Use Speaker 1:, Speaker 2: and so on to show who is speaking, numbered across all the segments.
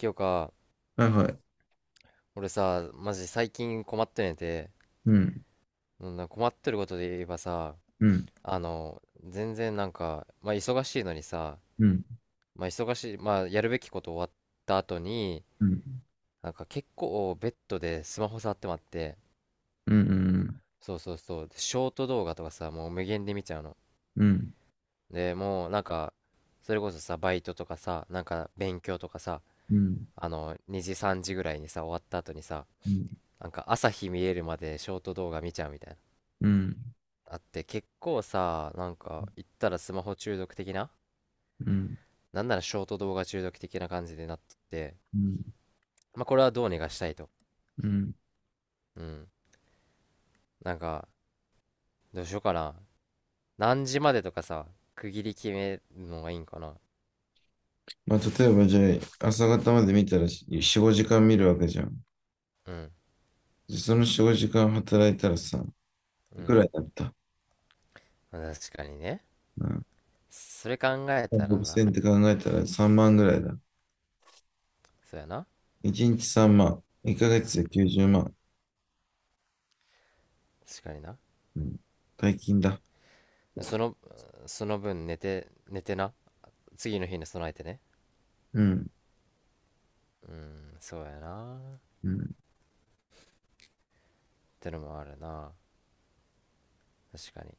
Speaker 1: 今日か。
Speaker 2: はいはい。
Speaker 1: 俺さ、マジ最近困ってねて、
Speaker 2: うん、
Speaker 1: うん、な困ってることで言えばさ、
Speaker 2: うん、
Speaker 1: 全然なんか、まあ忙しいのにさ、
Speaker 2: うん、
Speaker 1: まあ忙しい、まあやるべきこと終わった後に、
Speaker 2: うん、
Speaker 1: なんか結構ベッドでスマホ触ってまって、
Speaker 2: うん、うん、
Speaker 1: そうそうそう、でショート動画とかさ、もう無限で見ちゃうの。
Speaker 2: うん、
Speaker 1: で、もうなんか、それこそさ、バイトとかさ、なんか勉強とかさ、
Speaker 2: うん、うん、
Speaker 1: 2時3時ぐらいにさ、終わった後にさ、
Speaker 2: う
Speaker 1: なんか朝日見えるまでショート動画見ちゃうみたいな。
Speaker 2: ん、
Speaker 1: あって、結構さ、なんか言ったらスマホ中毒的な、なんならショート動画中毒的な感じでなってて、
Speaker 2: うん、
Speaker 1: まあこれはどうにかしたいと。
Speaker 2: うん。
Speaker 1: うん、なんか、どうしようかな。何時までとかさ、区切り決めるのがいいんかな。
Speaker 2: まあ、例えばじゃあ、朝方まで見たら4、5時間見るわけじゃん。
Speaker 1: うん、
Speaker 2: でその4、5時間働いたらさ、
Speaker 1: う
Speaker 2: いく
Speaker 1: ん。
Speaker 2: らだった。
Speaker 1: 確かにね。
Speaker 2: うん。
Speaker 1: それ考えたらな。
Speaker 2: 6000って考えたら3万ぐらいだ。
Speaker 1: そうやな。
Speaker 2: 1日3万。1ヶ月で90万。
Speaker 1: 確かにな。
Speaker 2: うん。大金だ。
Speaker 1: そのその分寝て寝てな、次の日に備えてね。
Speaker 2: うん、
Speaker 1: うん、そうやなっ
Speaker 2: うん、
Speaker 1: てのもあるな。確かに。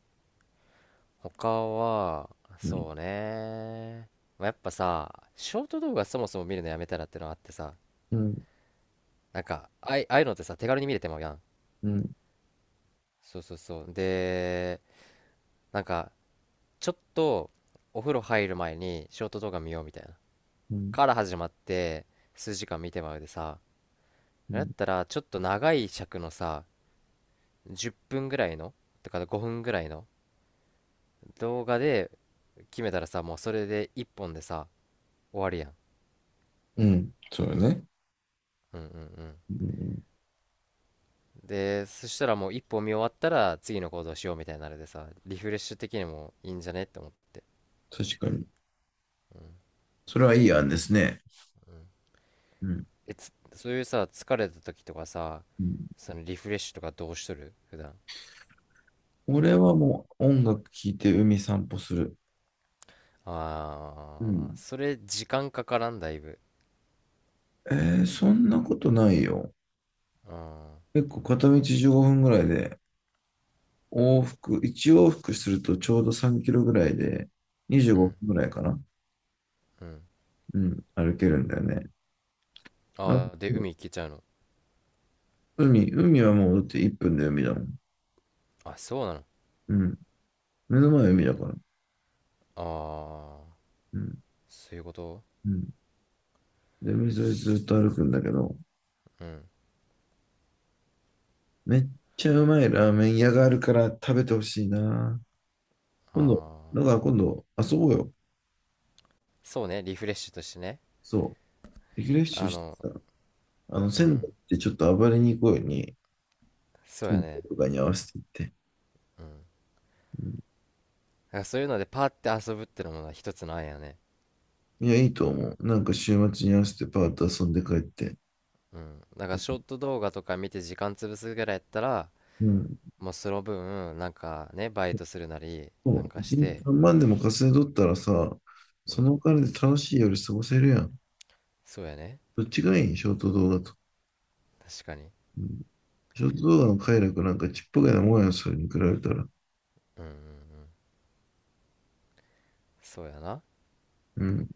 Speaker 1: 他は、
Speaker 2: うん、
Speaker 1: そうね。まあ、やっぱさ、ショート動画そもそも見るのやめたらってのあってさ、
Speaker 2: うん、
Speaker 1: なんか、ああいうのってさ、手軽に見れてまうやん。
Speaker 2: うん、
Speaker 1: そうそうそう。で、なんか、ちょっとお風呂入る前にショート動画見ようみたいな、か
Speaker 2: う
Speaker 1: ら始まって、数時間見てまうでさ、だっ
Speaker 2: ん、
Speaker 1: たら、ちょっと長い尺のさ、10分ぐらいの、とか5分ぐらいの動画で決めたらさ、もうそれで1本でさ、終わるやん。
Speaker 2: うん。そうだね。
Speaker 1: うんうんうん。
Speaker 2: うん、うん。
Speaker 1: で、そしたら、もう一本見終わったら次の行動しようみたいになるでさ、リフレッシュ的にもいいんじゃねって思って。
Speaker 2: 確かに。
Speaker 1: うん、
Speaker 2: それはいい案ですね。
Speaker 1: うん。
Speaker 2: うん。
Speaker 1: そういうさ、疲れた時とかさ、
Speaker 2: うん。
Speaker 1: そのリフレッシュとかどうしとる普段？
Speaker 2: 俺はもう音楽聴いて海散歩する。う
Speaker 1: ああ、
Speaker 2: ん。
Speaker 1: それ時間かからんだいぶ。
Speaker 2: えー、そんなことないよ。
Speaker 1: ああ、
Speaker 2: 結構片道15分ぐらいで、往復、1往復するとちょうど3キロぐらいで、25
Speaker 1: うん、
Speaker 2: 分ぐらいかな。
Speaker 1: うん。
Speaker 2: うん、歩けるんだよね。な
Speaker 1: ああ、で、海行けちゃうの？
Speaker 2: 海はもうだって1分で海だもん。
Speaker 1: あ、そうなの。
Speaker 2: うん。目の前は海だから。
Speaker 1: ああ、
Speaker 2: うん。
Speaker 1: そういうこと。
Speaker 2: うん。で、海沿いずっと歩くんだけど、
Speaker 1: うん。
Speaker 2: めっちゃうまいラーメン屋があるから食べてほしいな。
Speaker 1: あ
Speaker 2: 今度、
Speaker 1: あ、
Speaker 2: だから今度、遊ぼうよ。
Speaker 1: そうね、リフレッシュとしてね。
Speaker 2: そう。リフレッシュ
Speaker 1: あ
Speaker 2: して
Speaker 1: の、
Speaker 2: さ、あの、
Speaker 1: う
Speaker 2: 仙
Speaker 1: ん、
Speaker 2: 台ってちょっと暴れに行こうよに、
Speaker 1: そうや
Speaker 2: 金庫
Speaker 1: ね。
Speaker 2: とかに合わせて行って。
Speaker 1: うん。
Speaker 2: うん、
Speaker 1: なんかそういうのでパーって遊ぶってのもな、一つの案やね。
Speaker 2: いや、いいと思う。なんか週末に合わせてパーッと遊んで帰って。
Speaker 1: うん。だからショート動画とか見て時間潰すぐらいやったら、
Speaker 2: うん。
Speaker 1: もうその分、なんかね、バイトするなり、
Speaker 2: そ
Speaker 1: なん
Speaker 2: う、
Speaker 1: かし
Speaker 2: 一日
Speaker 1: て、
Speaker 2: 3万でも稼いどったらさ、
Speaker 1: う
Speaker 2: そ
Speaker 1: ん、
Speaker 2: のお金で楽しい夜過ごせるやん。
Speaker 1: そうやね。
Speaker 2: どっちがいいショート動画と。
Speaker 1: 確かに。
Speaker 2: うん。ショート動画の快楽なんかちっぽけなもんやそれに比べたら。
Speaker 1: うんうんうん。そうやな。
Speaker 2: うん。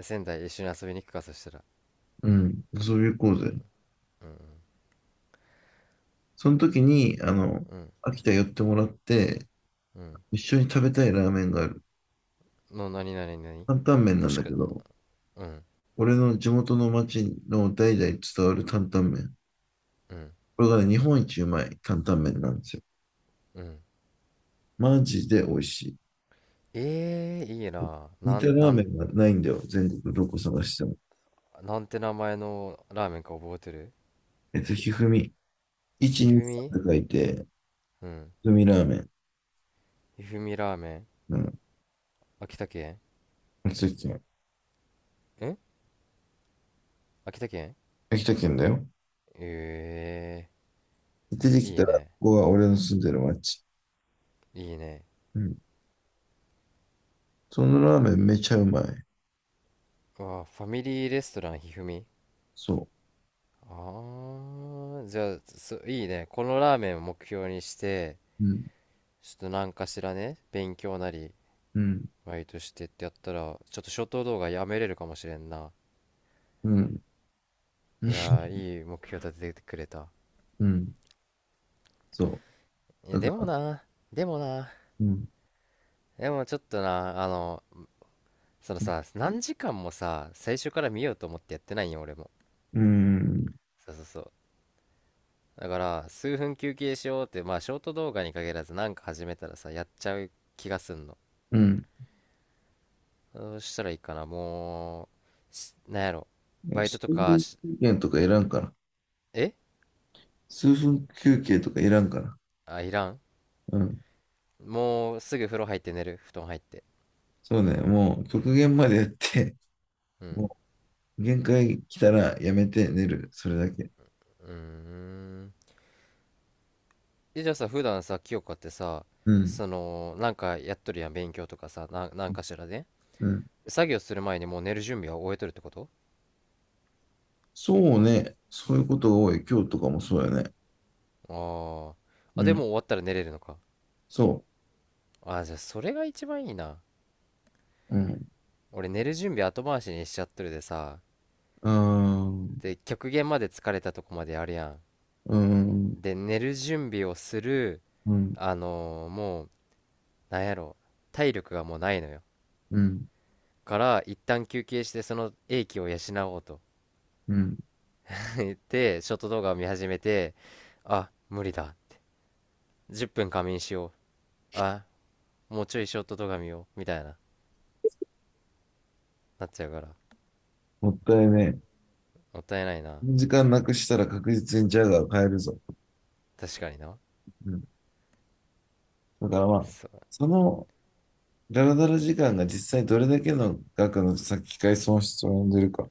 Speaker 1: 仙台一緒に遊びに行くか、そしたら。
Speaker 2: うん。遊び行こうぜ。
Speaker 1: うん、
Speaker 2: その時に、あの、
Speaker 1: うん、
Speaker 2: 秋田寄ってもらって、
Speaker 1: うん、
Speaker 2: 一緒に食べたいラーメンがある。
Speaker 1: うん。の、なになになに。
Speaker 2: 担々麺な
Speaker 1: も
Speaker 2: ん
Speaker 1: し
Speaker 2: だけ
Speaker 1: く、
Speaker 2: ど、
Speaker 1: うん
Speaker 2: 俺の地元の町の代々伝わる担々麺。
Speaker 1: うん
Speaker 2: これがね、日本一うまい担々麺なんですよ。
Speaker 1: うん。
Speaker 2: マジで美味し
Speaker 1: ええー、いい
Speaker 2: い。
Speaker 1: な。
Speaker 2: 似たラーメンがないんだよ。全国どこ探しても。
Speaker 1: なんて名前のラーメンか覚えてる？
Speaker 2: ひふみ。
Speaker 1: ひ
Speaker 2: 123
Speaker 1: ふ
Speaker 2: って
Speaker 1: み。
Speaker 2: 書いて、
Speaker 1: うん。
Speaker 2: ひふみラーメン。
Speaker 1: ひふみラーメン。
Speaker 2: うん。
Speaker 1: 秋田県、
Speaker 2: 秋田県。
Speaker 1: ん、秋田県。
Speaker 2: 秋田県だよ。
Speaker 1: え
Speaker 2: 出て
Speaker 1: えー、
Speaker 2: き
Speaker 1: い
Speaker 2: た
Speaker 1: い
Speaker 2: ら、こ
Speaker 1: ね。
Speaker 2: こは俺の住んでる町。
Speaker 1: いいね。
Speaker 2: うん。そのラーメンめちゃうまい。
Speaker 1: わあ、ファミリーレストランひふみ。
Speaker 2: そ
Speaker 1: あー、じゃあ、いいね。このラーメンを目標にして、
Speaker 2: う。うん。
Speaker 1: ちょっと何かしらね、勉強なり、
Speaker 2: うん。
Speaker 1: バイトしてってやったら、ちょっとショート動画やめれるかもしれんな。
Speaker 2: うん。
Speaker 1: いやー、いい目標立ててくれた。
Speaker 2: うん。そう。
Speaker 1: いや、で
Speaker 2: だか
Speaker 1: も
Speaker 2: ら、
Speaker 1: な、でもな、
Speaker 2: うん。
Speaker 1: でもちょっとな、そのさ、何時間もさ、最初から見ようと思ってやってないよ、俺も。
Speaker 2: うん。
Speaker 1: そうそうそう。だから数分休憩しようって、まあショート動画に限らず、なんか始めたらさ、やっちゃう気がすんの。
Speaker 2: うん。
Speaker 1: どうしたらいいかな。もうしなんやろ。
Speaker 2: ね、
Speaker 1: バイト
Speaker 2: 数
Speaker 1: とか
Speaker 2: 分
Speaker 1: し、
Speaker 2: 休憩とかいらんから。
Speaker 1: え、
Speaker 2: 数分休憩とかいらんから。
Speaker 1: あ、いらん。
Speaker 2: うん。
Speaker 1: もうすぐ風呂入って寝る、布団入って。
Speaker 2: そうね。もう極限までやって、
Speaker 1: う ん、
Speaker 2: もう限界来たらやめて寝る。それだけ。
Speaker 1: うーん。え、じゃあさ、普段さ、清香ってさ、
Speaker 2: うん。
Speaker 1: そのなんかやっとるやん、勉強とかさな、なんかしらね、
Speaker 2: うん。
Speaker 1: 作業する前にもう寝る準備は終えとるってこと？
Speaker 2: そうね。そういうことが多い。今日とかもそうやね。
Speaker 1: あー、
Speaker 2: う
Speaker 1: あで
Speaker 2: ん。
Speaker 1: も終わったら寝れるのか。
Speaker 2: そ
Speaker 1: あー、じゃあそれが一番いいな。
Speaker 2: う。うん。
Speaker 1: 俺寝る準備後回しにしちゃっとるでさ、
Speaker 2: あー、
Speaker 1: で極限まで疲れたとこまでやるや
Speaker 2: うん。
Speaker 1: ん、で寝る準備をする。
Speaker 2: うん。
Speaker 1: もう、なんやろ、体力がもうないのよ。
Speaker 2: うん。
Speaker 1: から一旦休憩して、その英気を養おうと
Speaker 2: うん。
Speaker 1: 言って、ショート動画を見始めて、あ、無理だ、10分仮眠しよう、あ、もうちょいショート動画見ようみたいな、なっちゃうから。
Speaker 2: もったいね
Speaker 1: もったいないな。
Speaker 2: え。時間なくしたら確実にジャガーを変えるぞ。
Speaker 1: 確かにな。
Speaker 2: うん。だからまあ、
Speaker 1: そう、
Speaker 2: その、ダラダラ時間が実際どれだけの額の先替え損失を生んでるか。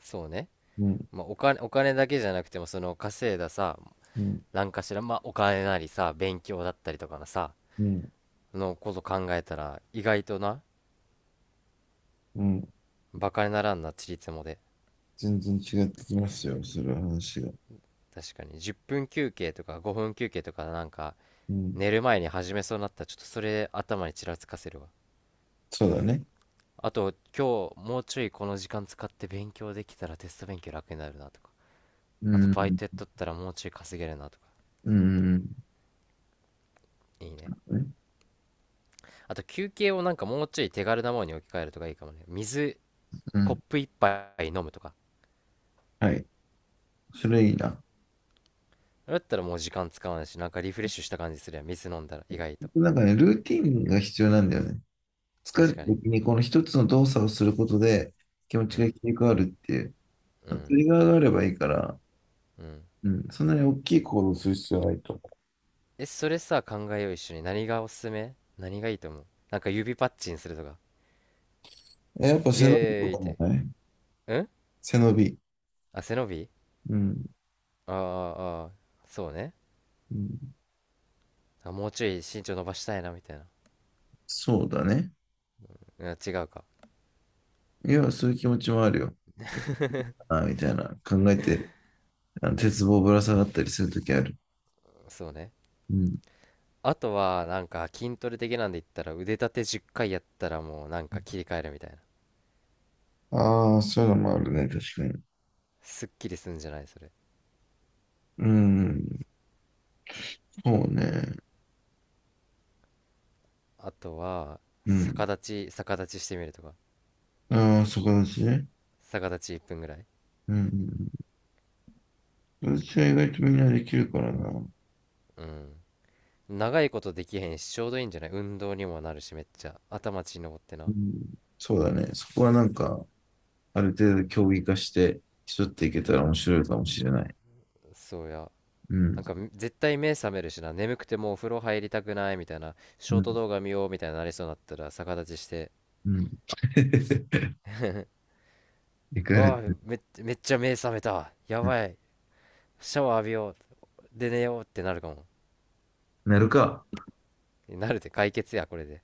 Speaker 1: そうね。
Speaker 2: うん、
Speaker 1: まあお金、お金だけじゃなくても、その稼いださ、
Speaker 2: うん、
Speaker 1: なんかしら、まあ、お金なりさ、勉強だったりとかのさ、
Speaker 2: うん、
Speaker 1: のこと考えたら、意外とな、
Speaker 2: うん。
Speaker 1: バカにならんな、ちりつもで。
Speaker 2: 全然違ってきますよ、それは話が。
Speaker 1: 確かに、10分休憩とか5分休憩とか、なんか、
Speaker 2: うん、
Speaker 1: 寝る前に始めそうになったら、ちょっとそれ頭にちらつかせるわ。
Speaker 2: そうだね。
Speaker 1: あと、今日もうちょいこの時間使って勉強できたらテスト勉強楽になるなとか。
Speaker 2: う
Speaker 1: あと、
Speaker 2: ん、う
Speaker 1: バイトやっ
Speaker 2: ん、
Speaker 1: とったらもうちょい稼げるなとか。
Speaker 2: うん、
Speaker 1: いいね。
Speaker 2: うん。
Speaker 1: あと、休憩をなんかもうちょい手軽なものに置き換えるとかいいかもね。水、
Speaker 2: う
Speaker 1: コッ
Speaker 2: ん。
Speaker 1: プ一杯飲むとか。
Speaker 2: はい。それいいな。
Speaker 1: だったらもう時間使わないし、なんかリフレッシュした感じするやん、水飲んだら意外と。
Speaker 2: なんかね、ルーティンが必要なんだよね。疲れ
Speaker 1: 確
Speaker 2: た
Speaker 1: かに。
Speaker 2: 時にこの一つの動作をすることで気持
Speaker 1: う
Speaker 2: ちが
Speaker 1: ん
Speaker 2: 切り替わるっていう。
Speaker 1: う
Speaker 2: ト
Speaker 1: ん
Speaker 2: リガーがあればいいから、
Speaker 1: うん。
Speaker 2: うん、そんなに大きい行動をする必要はないと思
Speaker 1: え、それさ、考えよう一緒に。何がおすすめ、何がいいと思う？なんか指パッチンするとか、
Speaker 2: う。やっぱ
Speaker 1: イエ
Speaker 2: 背伸びと
Speaker 1: ーイ
Speaker 2: か
Speaker 1: っ
Speaker 2: も
Speaker 1: て。
Speaker 2: ね。
Speaker 1: うん。
Speaker 2: 背伸び。
Speaker 1: あ、背伸び。
Speaker 2: うん。
Speaker 1: あー、あー、そうね。
Speaker 2: うん。
Speaker 1: あ、もうちょい身長伸ばしたいなみたいな。
Speaker 2: そうだね。
Speaker 1: うん、違うか。
Speaker 2: いや、そういう気持ちもあるよ。ああ、みたいな。考えて、あの、鉄棒ぶら下がったりするときある。
Speaker 1: そうね。
Speaker 2: うん。
Speaker 1: あとはなんか筋トレ的なんで言ったら腕立て10回やったらもうなんか切り替えるみたいな、
Speaker 2: ああ、そういうのもあるね、確かに。
Speaker 1: すっきりすんじゃないそれ。
Speaker 2: うん。そうね。
Speaker 1: あとは、
Speaker 2: うん。
Speaker 1: 逆立ちしてみるとか。
Speaker 2: ああ、そこだしね。
Speaker 1: 逆立ち1分ぐらい。
Speaker 2: うん。私は意外とみんなできるからな。
Speaker 1: うん。長いことできへんしちょうどいいんじゃない、運動にもなるし、めっちゃ頭血登って
Speaker 2: う
Speaker 1: な。
Speaker 2: ん。そうだね。そこはなんか、ある程度競技化して、競っていけたら面白いかもしれない。
Speaker 1: そうや。
Speaker 2: う
Speaker 1: な
Speaker 2: ん。
Speaker 1: んか絶対目覚めるしな、眠くてもうお風呂入りたくないみたいな、ショ
Speaker 2: う
Speaker 1: ート
Speaker 2: ん。
Speaker 1: 動画見ようみたいになりそうになったら逆立ちして
Speaker 2: うん。いかれて、
Speaker 1: 「ああ、めっちゃ目覚めたや
Speaker 2: うん。
Speaker 1: ばい、シャワー浴びようで寝よう」ってなるかも。
Speaker 2: なるか。
Speaker 1: なるで解決やこれで